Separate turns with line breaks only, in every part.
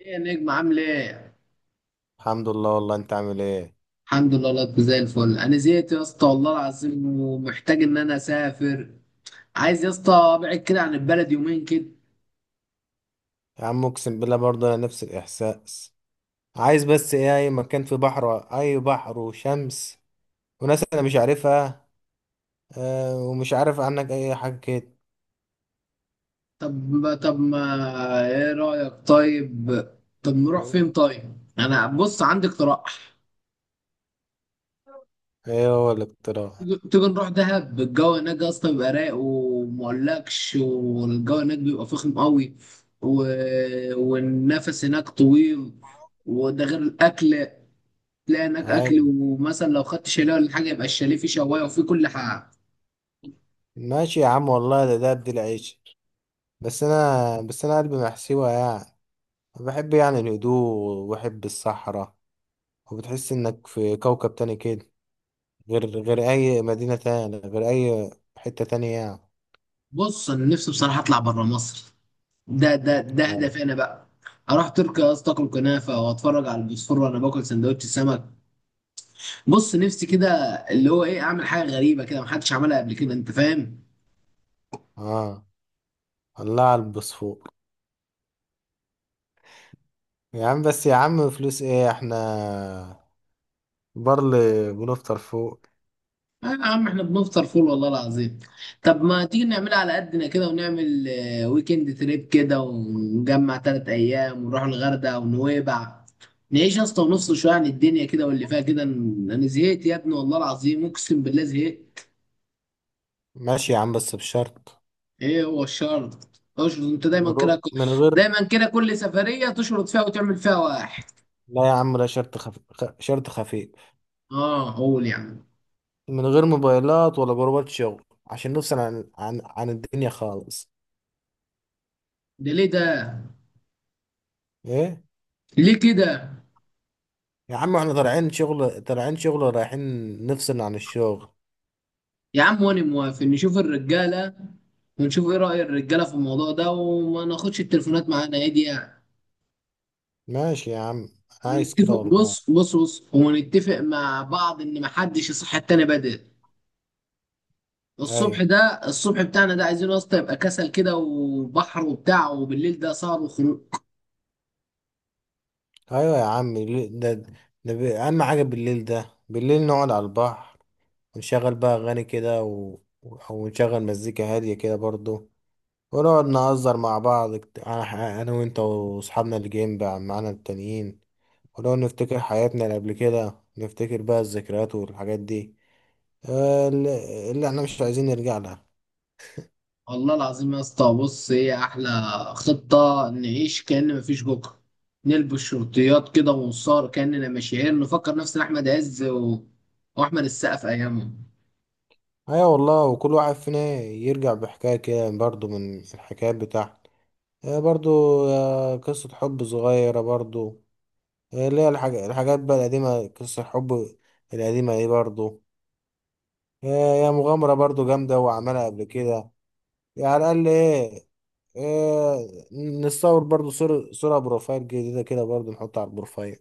ايه يا نجم عامل ايه؟
الحمد لله، والله انت عامل ايه؟
الحمد لله، لطف زي الفل. انا زهقت يا اسطى والله العظيم، ومحتاج ان انا اسافر. عايز يا اسطى ابعد كده عن البلد يومين كده.
يا عم اقسم بالله برضه انا نفس الاحساس. عايز بس ايه اي مكان فيه بحر، اي بحر وشمس، وناس انا مش عارفها. اه، ومش عارف عنك اي حاجه كده.
طب ما، ايه رايك طيب؟ طب نروح فين طيب؟ انا بص عندي اقتراح.
ايه هو الاقتراح؟
تيجي نروح دهب. الجو هناك يا اسطى بيبقى رايق، ومقولكش والجو هناك بيبقى فخم قوي و... والنفس هناك طويل، وده غير الاكل. تلاقي هناك اكل،
ايوه،
ومثلا لو خدت شاليه ولا حاجه يبقى الشاليه فيه شوايه وفيه كل حاجه.
ماشي يا عم والله، ده بدي العيش. بس انا قلبي محسوبه يعني. بحب يعني الهدوء، وبحب الصحراء، وبتحس انك في كوكب تاني كده. غير اي مدينه تانية، غير اي حته تانية يعني.
بص انا نفسي بصراحه اطلع بره مصر. ده
أيوة.
هدفي انا بقى. اروح تركيا يا اسطى، اكل كنافه واتفرج على البوسفور وانا باكل سندوتش سمك. بص نفسي كده، اللي هو ايه، اعمل حاجه غريبه كده محدش عملها قبل كده، انت فاهم.
اه، الله على البصفوق. يا عم بس يا عم فلوس ايه احنا. برل. بنفطر فوق.
آه يا عم احنا بنفطر فول والله العظيم. طب ما تيجي نعملها على قدنا كده، ونعمل ويكند تريب كده، ونجمع 3 أيام ونروح الغردقة ونويبع. نعيش يا اسطى، ونفصل شوية عن الدنيا كده واللي فيها كده. أنا زهقت يا ابني والله العظيم، أقسم بالله زهقت.
ماشي يا عم بس بشرط.
إيه هو الشرط؟ اشرط أنت دايما
نروح
كده
من غير.
دايما كده، كل سفرية تشرط فيها وتعمل فيها واحد.
لا يا عم لا، شرط خفيف.
آه، قول يا عم.
من غير موبايلات ولا جروبات شغل، عشان نفصل عن الدنيا خالص.
ده ليه ده؟
ايه؟
ليه كده؟
يا عم احنا طالعين شغل رايحين. نفصل عن الشغل.
يا عم وانا موافق، نشوف الرجاله ونشوف ايه رأي الرجاله في الموضوع ده، وما ناخدش التليفونات معانا، ايه دي يعني.
ماشي يا عم. عايز كده والله.
بص بص بص، ونتفق مع بعض ان محدش يصحي التاني بدري. الصبح
ايوه.
ده، الصبح بتاعنا ده عايزينه يا اسطى يبقى كسل كده، وبحر وبتاع، وبالليل ده سهر وخروج.
ايوه يا عم، ده اهم حاجة بالليل. ده بالليل نقعد على البحر، ونشغل بقى أغاني كده أو نشغل مزيكا هادية كده برضو. ونقعد نهزر مع بعض، أنا وأنت وأصحابنا اللي جايين بقى معانا التانيين. ونقعد نفتكر حياتنا اللي قبل كده، نفتكر بقى الذكريات والحاجات دي. اللي احنا مش عايزين نرجع لها.
والله العظيم يا اسطى، بص ايه احلى خطة. نعيش كأن مفيش بكره، نلبس شرطيات كده ونصار كأننا مشاهير، نفكر نفسنا احمد عز واحمد السقا في ايامهم.
أيوة والله، وكل واحد فينا يرجع بحكاية كده برضو من الحكايات بتاعته. آه، برضو. قصة حب صغيرة برضو. اللي هي الحاجات بقى القديمة، قصة الحب القديمة دي برضو. هي هي مغامرة برضو جامدة وعملها قبل كده. يعني على الأقل إيه. إيه. نصور برضو صورة بروفايل جديدة كده برضو، نحطها على البروفايل.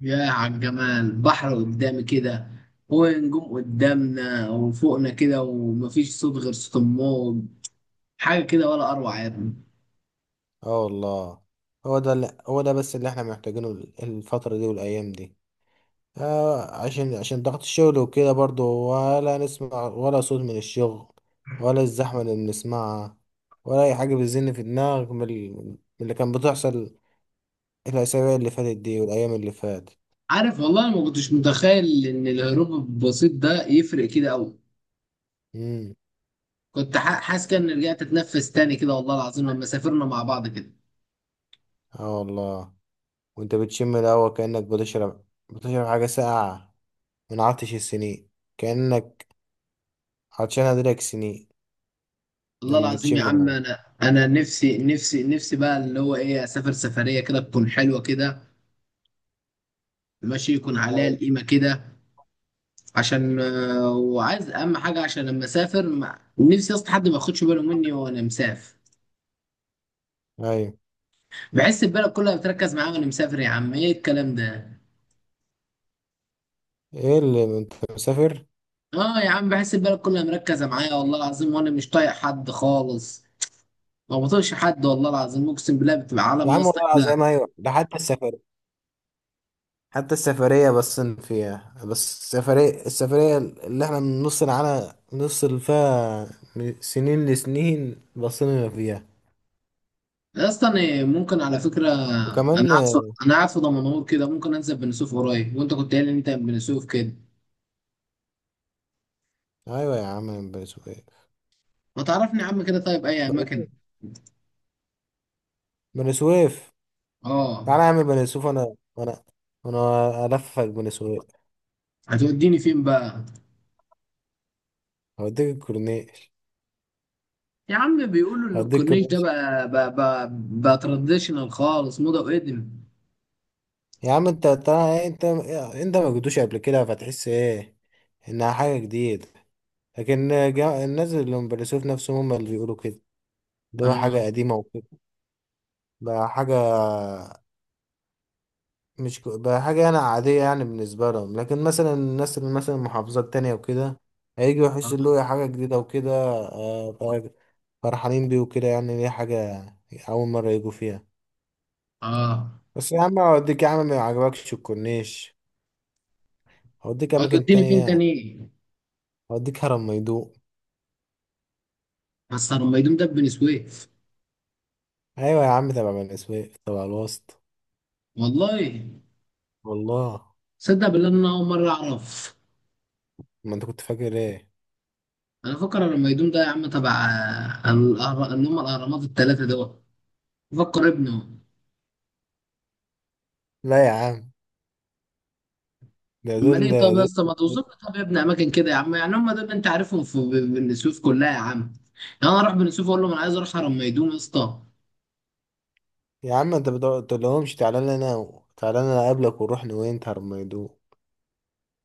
يا عالجمال، بحر قدامي كده ونجوم قدامنا وفوقنا كده، ومفيش صوت غير صوت الموج. حاجة كده ولا أروع يا ابني.
اه والله. هو ده، اللي هو ده بس اللي احنا محتاجينه الفترة دي والأيام دي. عشان ضغط الشغل وكده برضو. ولا نسمع ولا صوت من الشغل، ولا الزحمة اللي بنسمعها، ولا أي حاجة بتزن في دماغك من من اللي كان بتحصل الأسابيع اللي فاتت دي والأيام اللي فاتت.
عارف والله، أنا ما كنتش متخيل إن الهروب البسيط ده يفرق كده أوي.
مم.
كنت حاسس كأني رجعت أتنفس تاني كده، والله العظيم لما سافرنا مع بعض كده.
اه والله. وانت بتشم الهوا كأنك بتشرب. بتشرب حاجة ساقعة من عطش السنين. كأنك عطشان هدرك سنين.
والله
لما
العظيم يا
بتشم
عم،
الهوا.
أنا نفسي نفسي نفسي بقى، اللي هو إيه، أسافر سفرية كده تكون حلوة كده، ماشي، يكون عليها
أيوة.
القيمة كده. عشان وعايز اهم حاجه عشان لما اسافر ما... نفسي اصلا حد ما ياخدش باله مني وانا مسافر.
أيوة.
بحس البلد كلها بتركز معايا وانا مسافر، يا عم ايه الكلام ده.
ايه اللي انت مسافر؟
اه يا عم، بحس البلد كلها مركزه معايا والله العظيم، وانا مش طايق حد خالص. ما بطيقش حد والله العظيم اقسم بالله، بتبقى
يا
عالم يا
عم
اسطى
والله
كده.
العظيم ايوه، ده حتى السفر. حتى السفرية، بس فيها السفرية اللي احنا من نص العالم نص اللي فيها من سنين لسنين بصينا فيها.
يا اسطى انا ممكن على فكره. انا
وكمان.
قاعد في انا قاعد في دمنهور كده، ممكن انزل بني سويف قريب، وانت كنت قايل ان انت من بني سويف كده.
ايوه يا عم بني سويف.
ما تعرفني يا عم كده، طيب اي
بني
اماكن.
بني سويف.
اه.
تعالى اعمل بني سويف، انا انا الففك بني سويف.
هتوديني فين بقى؟
هوديك الكورنيش.
يا عم بيقولوا ان
هوديك
الكورنيش ده
الكورنيش.
بقى تراديشنال خالص، موضه وقدم.
يا عم انت تعالى، انت ما جيتوش قبل كده فتحس ايه انها حاجه جديده. لكن، الناس اللي من بني سويف نفسهم هم اللي بيقولوا كده، اللي هو حاجه
اه،
قديمه وكده. بقى حاجه، مش ك- بقى حاجه انا عاديه يعني بالنسبه لهم، لكن مثلا الناس اللي مثلا من محافظات تانية وكده هيجوا
اه،
يحسوا اللي هو إيه، حاجه جديده وكده، فرحانين بيه وكده يعني، ليه حاجه اول مره يجوا فيها.
اه.
بس يا عم هوديك يا عم ما يعجبكش الكورنيش، هوديك اماكن
هتوديني فين
تانية.
تاني؟
هوديك هرم ميدوق.
بس لما يدوم ده في بني سويف؟
ايوه يا عم تبع بني سويف، تبع الوسط.
والله،
والله.
صدق بالله ان انا اول مره اعرف.
ما انت كنت فاكر ايه.
انا فكر لما يدوم ده يا عم تبع اللي هم الاهرامات الثلاثه دول. فكر ابنه.
لا يا عم، ده
اما
دول
ليه طب يا
دول
اسطى، ما توصف لي طب يا ابني اماكن كده يا عم، يعني هم دول اللي انت عارفهم في بني سويف كلها يا عم؟ يعني انا اروح بني سويف اقول لهم انا عايز اروح هرم ميدوم يا اسطى؟
يا عم انت ما تقولهمش تعالى لنا، تعالى لنا اقابلك ونروح نوينت هرم ميدوق.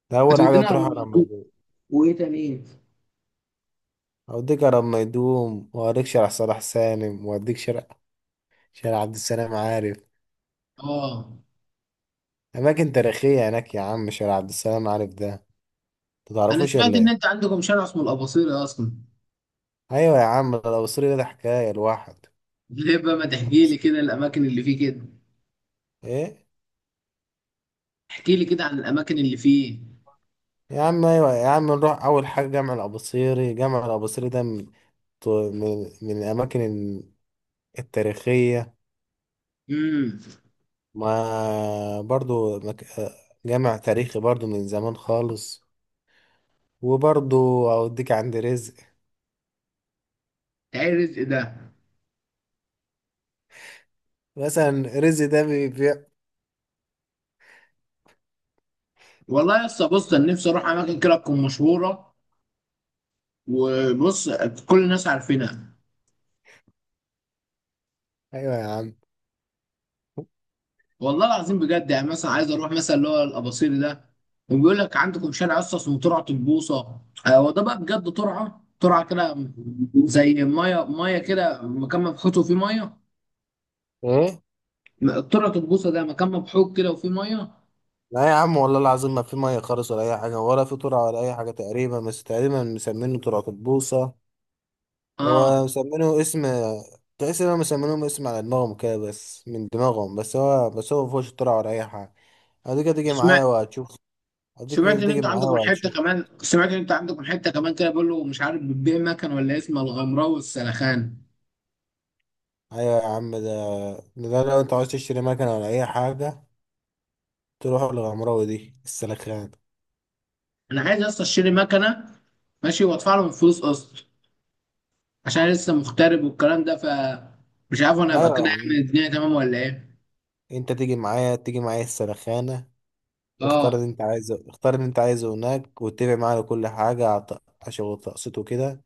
ده اول حاجه
هتوديني
تروح
هرم،
هرم ميدوق.
وايه تاني إيه؟
هوديك هرم ميدوم، وهوريك شارع صلاح سالم، وهوديك شارع عبد السلام عارف.
اه.
اماكن تاريخيه هناك يا عم، شارع عبد السلام عارف ده انت
انا
تعرفوش
سمعت
ولا
ان
ايه؟
انت عندكم شارع اسمه الاباصيري اصلا.
ايوه يا عم لو سوري، ده حكايه الواحد.
ليه بقى ما تحكي لي كده الاماكن اللي فيه كده.
ايه.
احكي لي كده عن الاماكن اللي فيه.
يا عم ايوه يا عم نروح اول حاجه، جامع الاباصيري ده من من الاماكن التاريخيه.
امم.
ما برضو جامع تاريخي برضو من زمان خالص. وبرضو اوديك عند رزق.
تعرف ده.
مثلا رزق ده بيبيع.
والله يا اسطى بص، انا نفسي اروح اماكن كده تكون مشهوره، وبص، كل الناس عارفينها.
ايوه يا عم.
والله العظيم بجد، يعني مثلا عايز اروح مثلا اللي هو الاباصيري ده. وبيقول لك عندكم شارع اصلا اسمه ترعه البوصه. هو ده بقى بجد، ترعه ترعه كده، زي ميه ميه كده، مكان مفتوح فيه ميه.
ايه.
طرقة البوصة ده مكان مبحوك كده وفيه مية.
لا يا عم والله العظيم ما في ميه خالص ولا اي حاجه، ولا في ترعه ولا اي حاجه تقريبا، بس تقريبا مسمينه ترعه البوصه.
اه.
هو مسمينه اسم، تحس انهم مسمينهم اسم على دماغهم كده، بس من دماغهم بس. هو مفيهوش اختراع ولا اي حاجة. هديك هتيجي
وسمعت
معايا وهتشوف. هديك
سمعت ان
هتيجي
انت
معايا
عندكم حته
وهتشوف.
كمان سمعت ان انت عندكم حته كمان كده، بيقول له مش عارف بتبيع مكنه ولا إيه، اسمها الغمراوي والسلخان.
ايوه يا عم. ده ده لو انت عاوز تشتري مكنة ولا اي حاجة، تروح للغمراوي دي السلخانة.
انا عايز اصلا اشتري مكنه، ماشي، وادفع لهم فلوس قسط، عشان أنا لسه مغترب والكلام ده مش عارف انا ابقى
ايوه
كده
يا عم
اعمل الدنيا تمام ولا ايه.
انت تيجي معايا، السلخانة.
اه،
اختار اللي انت عايزه هناك، واتفق معاه على كل حاجة، على عشان تقسيطه كده.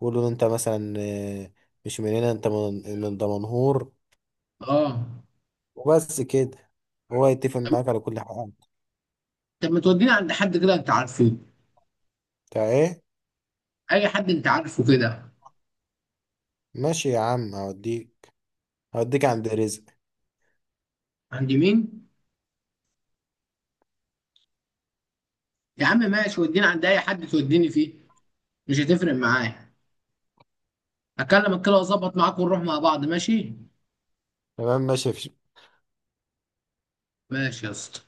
قول له انت مثلا، مش من هنا، انت من دمنهور.
اه.
وبس كده، هو يتفق
طب
معاك على كل حاجة.
طب ما توديني عند حد كده انت عارفه؟
بتاع ايه.
اي حد انت عارفه كده.
ماشي يا عم هوديك، عند رزق.
عند مين؟ يا عم ماشي، وديني عند اي حد توديني فيه، مش هتفرق معايا. اكلمك كده واظبط معاك، ونروح مع بعض ماشي.
تمام، ماشي مفيش.
ماشي يا اسطى.